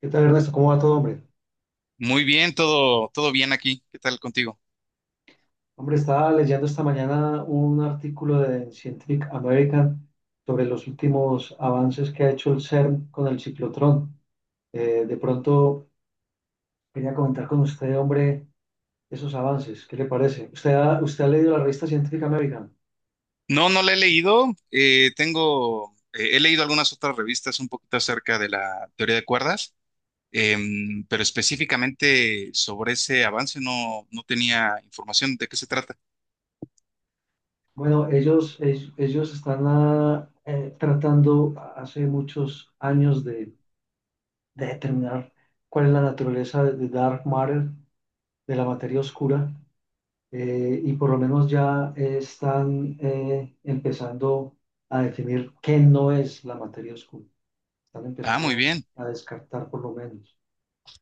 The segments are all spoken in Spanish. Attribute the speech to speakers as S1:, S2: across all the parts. S1: ¿Qué tal, Ernesto? ¿Cómo va todo, hombre?
S2: Muy bien, todo bien aquí. ¿Qué tal contigo?
S1: Hombre, estaba leyendo esta mañana un artículo de Scientific American sobre los últimos avances que ha hecho el CERN con el ciclotrón. De pronto quería comentar con usted, hombre, esos avances. ¿Qué le parece? ¿Usted ha leído la revista Scientific American?
S2: No, no la he leído. Tengo, he leído algunas otras revistas un poquito acerca de la teoría de cuerdas, pero específicamente sobre ese avance no, no tenía información de qué se trata.
S1: Bueno, ellos están tratando hace muchos años de determinar cuál es la naturaleza de dark matter, de la materia oscura, y por lo menos ya están empezando a definir qué no es la materia oscura. Están
S2: Ah, muy
S1: empezando
S2: bien.
S1: a descartar, por lo menos.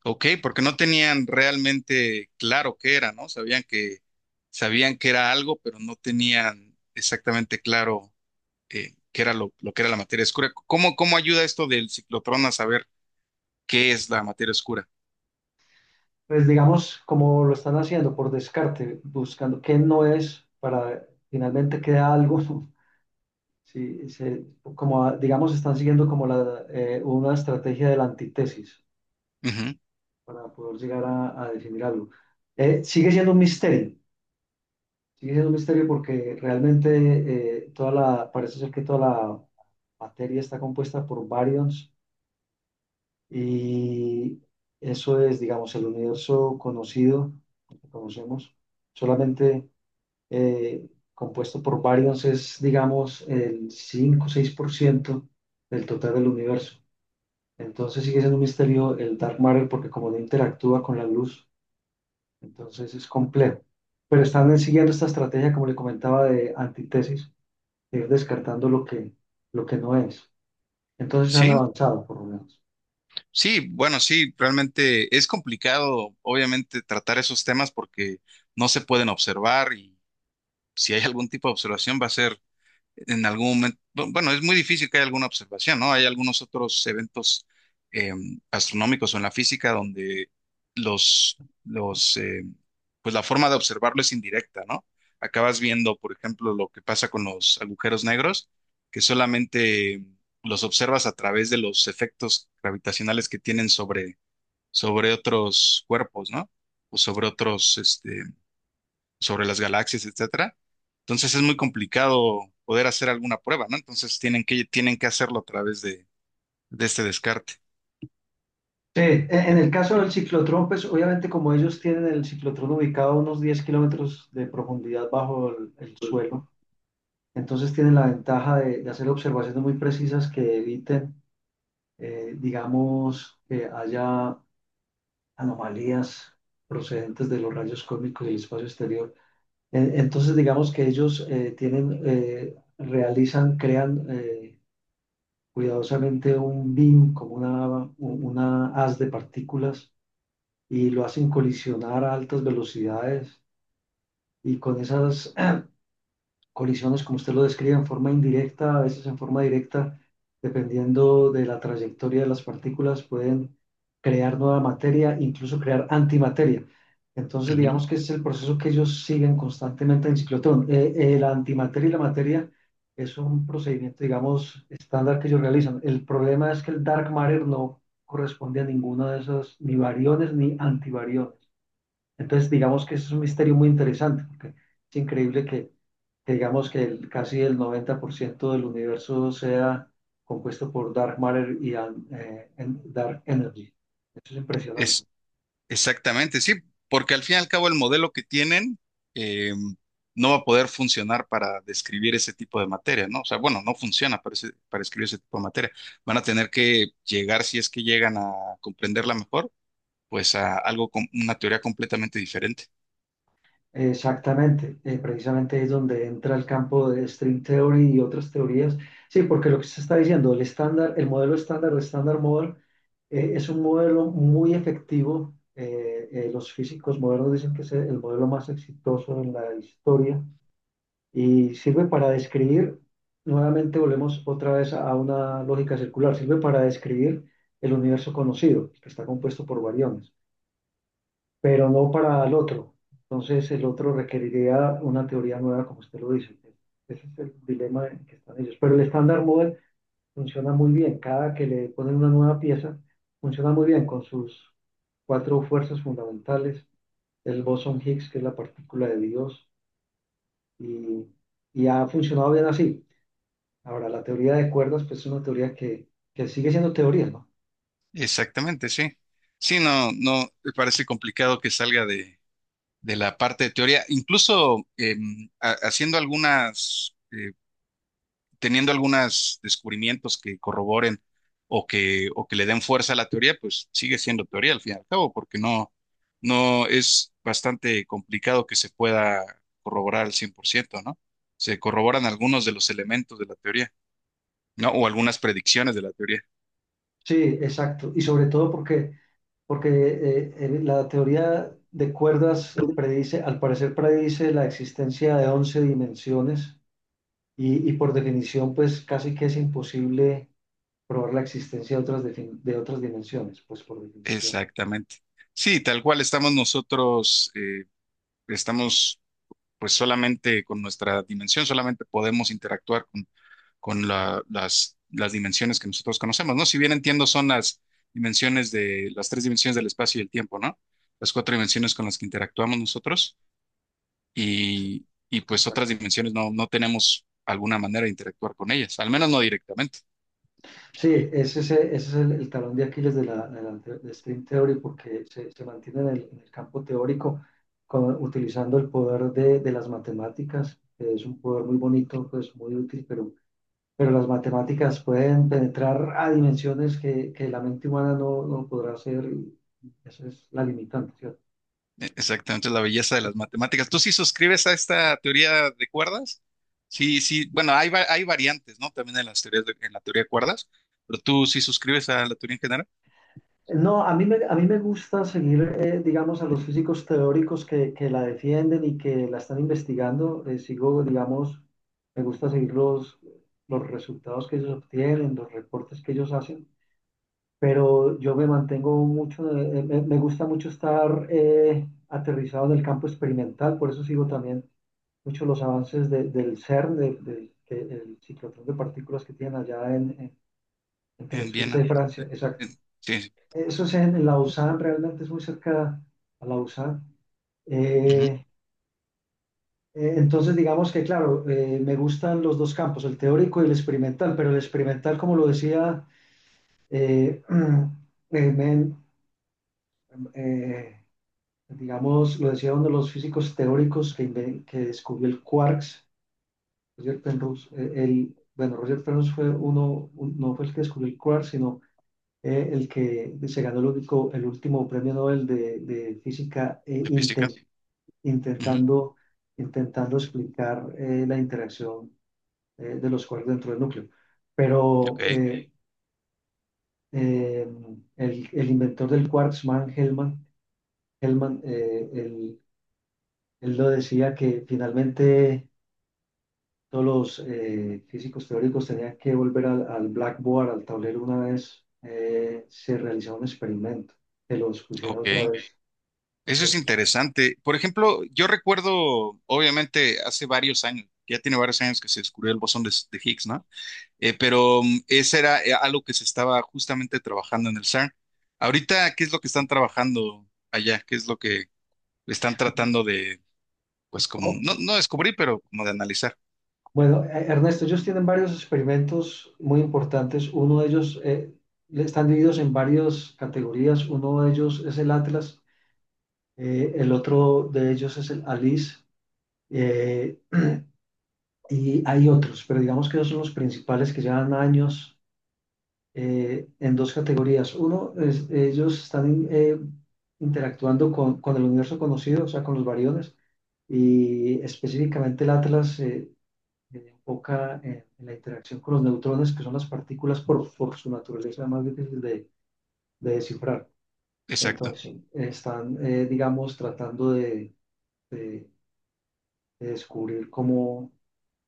S2: Ok, porque no tenían realmente claro qué era, ¿no? Sabían que era algo, pero no tenían exactamente claro qué era lo que era la materia oscura. ¿Cómo, cómo ayuda esto del ciclotrón a saber qué es la materia oscura?
S1: Pues digamos, como lo están haciendo por descarte, buscando qué no es, para finalmente queda algo. Sí, digamos, están siguiendo como una estrategia de la antítesis
S2: Ujú.
S1: para poder llegar a definir algo. Sigue siendo un misterio. Sigue siendo un misterio, porque realmente parece ser que toda la materia está compuesta por baryons, y eso es, digamos, el universo conocido, que conocemos, solamente eh, compuesto por baryons, es, digamos, el 5 o 6% del total del universo. Entonces sigue siendo un misterio el dark matter, porque como no interactúa con la luz, entonces es complejo. Pero están siguiendo esta estrategia, como le comentaba, de antítesis, ir descartando lo que no es. Entonces han
S2: Sí,
S1: avanzado, por lo menos.
S2: sí, bueno, sí, realmente es complicado, obviamente, tratar esos temas porque no se pueden observar, y si hay algún tipo de observación va a ser en algún momento. Bueno, es muy difícil que haya alguna observación, ¿no? Hay algunos otros eventos eh, astronómicos o en la física donde los, los, eh, pues la forma de observarlo es indirecta, ¿no? Acabas viendo, por ejemplo, lo que pasa con los agujeros negros, que solamente los observas a través de los efectos gravitacionales que tienen sobre otros cuerpos, ¿no? O sobre otros, este, sobre las galaxias, etcétera. Entonces es muy complicado poder hacer alguna prueba, ¿no? Entonces tienen que hacerlo a través de este descarte.
S1: Sí, en el caso del ciclotrón, pues obviamente como ellos tienen el ciclotrón ubicado a unos 10 kilómetros de profundidad bajo el suelo, entonces tienen la ventaja de hacer observaciones muy precisas que eviten, digamos, que haya anomalías procedentes de los rayos cósmicos del espacio exterior. Entonces, digamos que ellos realizan, crean, cuidadosamente, un BIM, como una haz de partículas, y lo hacen colisionar a altas velocidades, y con esas colisiones, como usted lo describe, en forma indirecta, a veces en forma directa, dependiendo de la trayectoria de las partículas, pueden crear nueva materia, incluso crear antimateria. Entonces,
S2: Ujú.
S1: digamos que ese es el proceso que ellos siguen constantemente en ciclotrón. La antimateria y la materia es un procedimiento, digamos, estándar, que ellos realizan. El problema es que el dark matter no corresponde a ninguna de esas, ni variones ni antivariones. Entonces, digamos que eso es un misterio muy interesante, porque es increíble que digamos que casi el 90% del universo sea compuesto por dark matter y dark energy. Eso es impresionante.
S2: Es exactamente, sí, porque al fin y al cabo el modelo que tienen eh, no va a poder funcionar para describir ese tipo de materia, ¿no? O sea, bueno, no funciona para, para escribir ese tipo de materia. Van a tener que llegar, si es que llegan a comprenderla mejor, pues a algo con una teoría completamente diferente.
S1: Exactamente, precisamente es donde entra el campo de string theory y otras teorías. Sí, porque lo que se está diciendo, el estándar, el modelo estándar o estándar model, es un modelo muy efectivo. Los físicos modernos dicen que es el modelo más exitoso en la historia, y sirve para describir, nuevamente volvemos otra vez a una lógica circular, sirve para describir el universo conocido, que está compuesto por variones, pero no para el otro. Entonces el otro requeriría una teoría nueva, como usted lo dice. Ese es el dilema en que están ellos. Pero el estándar model funciona muy bien. Cada que le ponen una nueva pieza, funciona muy bien con sus cuatro fuerzas fundamentales, el bosón Higgs, que es la partícula de Dios, y, y ha funcionado bien así. Ahora, la teoría de cuerdas, pues es una teoría que sigue siendo teoría, ¿no?
S2: Exactamente, sí. Sí, no, no, me parece complicado que salga de la parte de teoría. Incluso haciendo algunas, teniendo algunos descubrimientos que corroboren o que le den fuerza a la teoría, pues sigue siendo teoría al fin y al cabo, porque no, no es bastante complicado que se pueda corroborar al 100%, ¿no? Se corroboran algunos de los elementos de la teoría, ¿no? O algunas predicciones de la teoría.
S1: Sí, exacto. Y sobre todo porque la teoría de cuerdas predice, al parecer predice, la existencia de 11 dimensiones, y por definición, pues casi que es imposible probar la existencia de otras, de otras dimensiones, pues por definición.
S2: Exactamente. Sí, tal cual estamos nosotros, estamos pues solamente con nuestra dimensión, solamente podemos interactuar con las dimensiones que nosotros conocemos, ¿no? Si bien entiendo son las dimensiones de las tres dimensiones del espacio y el tiempo, ¿no? Las cuatro dimensiones con las que interactuamos nosotros
S1: Sí,
S2: y pues otras
S1: exacto.
S2: dimensiones no, no tenemos alguna manera de interactuar con ellas, al menos no directamente.
S1: Sí, ese es el talón de Aquiles de String Theory, porque se mantiene en en el campo teórico, utilizando el poder de las matemáticas, que es un poder muy bonito, pues muy útil, pero las matemáticas pueden penetrar a dimensiones que la mente humana no podrá hacer, y esa es la limitante, ¿cierto?
S2: E- exactamente, la belleza de las matemáticas. ¿Tú sí suscribes a esta teoría de cuerdas? Sí, sí, bueno, hay variantes, ¿no? También en en la teoría de cuerdas, pero tú sí suscribes a la teoría en general
S1: No, a mí me gusta seguir, digamos, a los físicos teóricos que la defienden y que la están investigando. Sigo, digamos, me gusta seguir los resultados que ellos obtienen, los reportes que ellos hacen, pero yo me mantengo mucho, me gusta mucho estar aterrizado en el campo experimental, por eso sigo también mucho los avances del CERN, el ciclotrón de partículas que tienen allá entre
S2: en
S1: Suiza
S2: Viena.
S1: y Francia,
S2: De-
S1: exacto.
S2: sí, sí.
S1: Eso es en Lausanne, realmente es muy cerca a Lausanne.
S2: Ujú.
S1: Eh, entonces, digamos que, claro, me gustan los dos campos, el teórico y el experimental, pero el experimental, como lo decía, eh, eh, me- eh, digamos, lo decía uno de los físicos teóricos que descubrió el quarks, Roger Penrose. Bueno, Roger Penrose fue uno, no fue el que descubrió el quark, sino el que se ganó el, único, el último premio Nobel de física,
S2: De física. Ujú.
S1: intentando, intentando explicar la interacción de los quarks dentro del núcleo. Pero
S2: Ok,
S1: eh, el inventor del quarksman, Hellman, él lo decía, que finalmente todos los físicos teóricos tenían que volver al blackboard, al tablero, una vez se realizaba un experimento, que los pusiera otra
S2: ok.
S1: vez.
S2: Eso es
S1: Los...
S2: interesante. Por ejemplo, yo recuerdo, obviamente, hace varios años, ya tiene varios años que se descubrió el bosón de Higgs, ¿no? Pero ese era algo que se estaba justamente trabajando en el CERN. Ahorita, ¿qué es lo que están trabajando allá? ¿Qué es lo que están tratando de, pues como,
S1: o,
S2: no, no descubrir, pero como de analizar?
S1: Bueno, Ernesto, ellos tienen varios experimentos muy importantes. Uno de ellos, están divididos en varias categorías. Uno de ellos es el Atlas, el otro de ellos es el ALICE, eh, y hay otros, pero digamos que esos son los principales que llevan años, en dos categorías. Uno es, ellos están interactuando con el universo conocido, o sea, con los variones, y específicamente el Atlas. Enfoca en la interacción con los neutrones, que son las partículas por su naturaleza más difíciles de descifrar.
S2: Exacto,
S1: Entonces, están, digamos, tratando de- de descubrir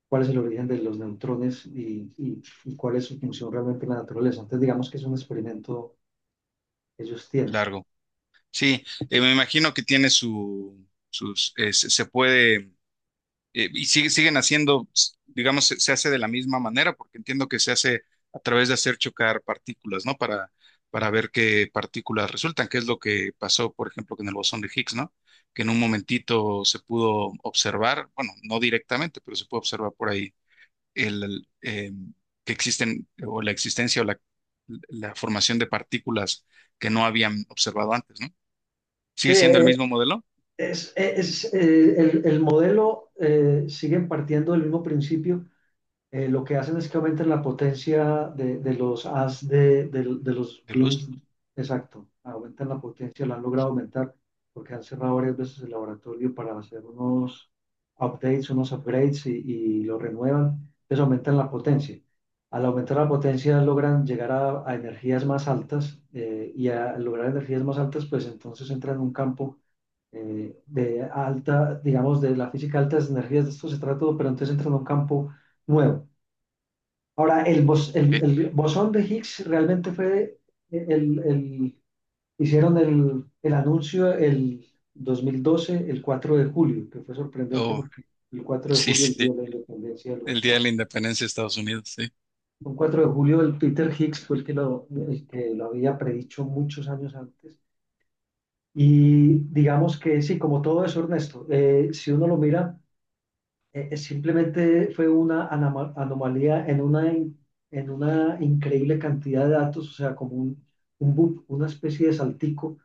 S1: cuál es el origen de los neutrones, y cuál es su función realmente en la naturaleza. Entonces, digamos que es un experimento que ellos tienen.
S2: largo. Sí, me imagino que tiene su, sus, se se puede siguen haciendo, digamos, se hace de la misma manera, porque entiendo que se hace a través de hacer chocar partículas, ¿no? Para ver qué partículas resultan, que es lo que pasó, por ejemplo, con el bosón de Higgs, ¿no? Que en un momentito se pudo observar, bueno, no directamente, pero se puede observar por ahí el, el, eh, que existen, o la existencia la formación de partículas que no habían observado antes, ¿no?
S1: Sí,
S2: Sigue siendo el
S1: eh,
S2: mismo modelo
S1: es, es, eh, el, el modelo sigue partiendo del mismo principio, lo que hacen es que aumentan la potencia de los as de los
S2: de
S1: beams.
S2: luz,
S1: Exacto, aumentan la potencia, la han logrado aumentar porque han cerrado varias veces el laboratorio para hacer unos updates, unos upgrades, y lo renuevan. Entonces aumentan la potencia. Al aumentar la potencia logran llegar a energías más altas, y al lograr energías más altas, pues entonces entran en un campo de alta, digamos, de la física alta, de energías, de esto se trata todo, pero entonces entran en un campo nuevo. Ahora, el, bos- el-
S2: ¿ok?
S1: el bosón de Higgs realmente fue eh, el, el- Hicieron el anuncio el 2012, el 4 de julio, que fue sorprendente
S2: Oh,
S1: porque el cuatro de
S2: sí,
S1: julio, el día
S2: sí,
S1: de la independencia de los
S2: el Día
S1: Estados
S2: de la
S1: Unidos.
S2: Independencia de Estados Unidos, sí.
S1: Un 4 de julio, el Peter Higgs fue el que lo había predicho muchos años antes. Y digamos que sí, como todo eso, Ernesto, si uno lo mira, simplemente fue una anomalía en en una increíble cantidad de datos, o sea, como un bump, una especie de saltico,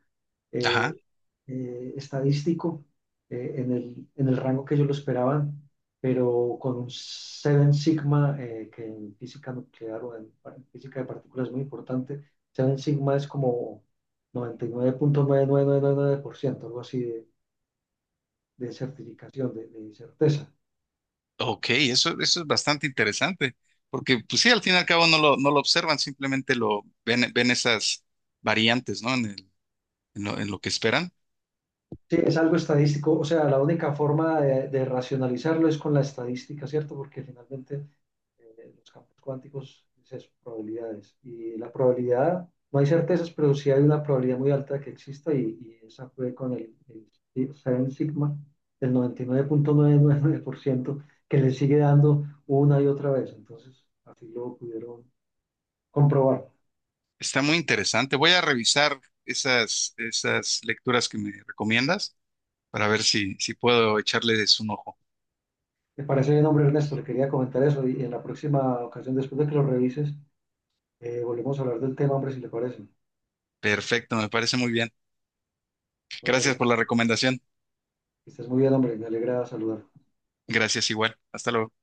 S2: Ajá.
S1: eh, estadístico, en en el rango que ellos lo esperaban, pero con un Seven Sigma, que en física nuclear o en física de partículas es muy importante. Seven Sigma es como noventa y nueve punto nueve nueve nueve nueve punto por ciento, algo así de certificación, de certeza.
S2: Ok, eso es bastante interesante, porque pues sí, al fin y al cabo no lo observan, simplemente lo ven, ven esas variantes, ¿no? En lo que esperan.
S1: Sí, es algo estadístico, o sea, la única forma de racionalizarlo es con la estadística, ¿cierto? Porque finalmente los campos cuánticos es eso, probabilidades. Y la probabilidad, no hay certezas, pero sí hay una probabilidad muy alta de que exista, y esa fue con el Seven Sigma, el 99,99%, que le sigue dando una y otra vez. Entonces, así lo pudieron comprobar.
S2: Está muy interesante. Voy a revisar esas lecturas que me recomiendas para ver si, si puedo echarles un ojo.
S1: Me parece bien, hombre Ernesto, le quería comentar eso, y en la próxima ocasión, después de que lo revises, volvemos a hablar del tema, hombre, si le parece.
S2: Perfecto, me parece muy bien.
S1: Buenas
S2: Gracias
S1: tardes.
S2: por la recomendación.
S1: Que estés muy bien, hombre. Me alegra saludar.
S2: Gracias igual. Hasta luego.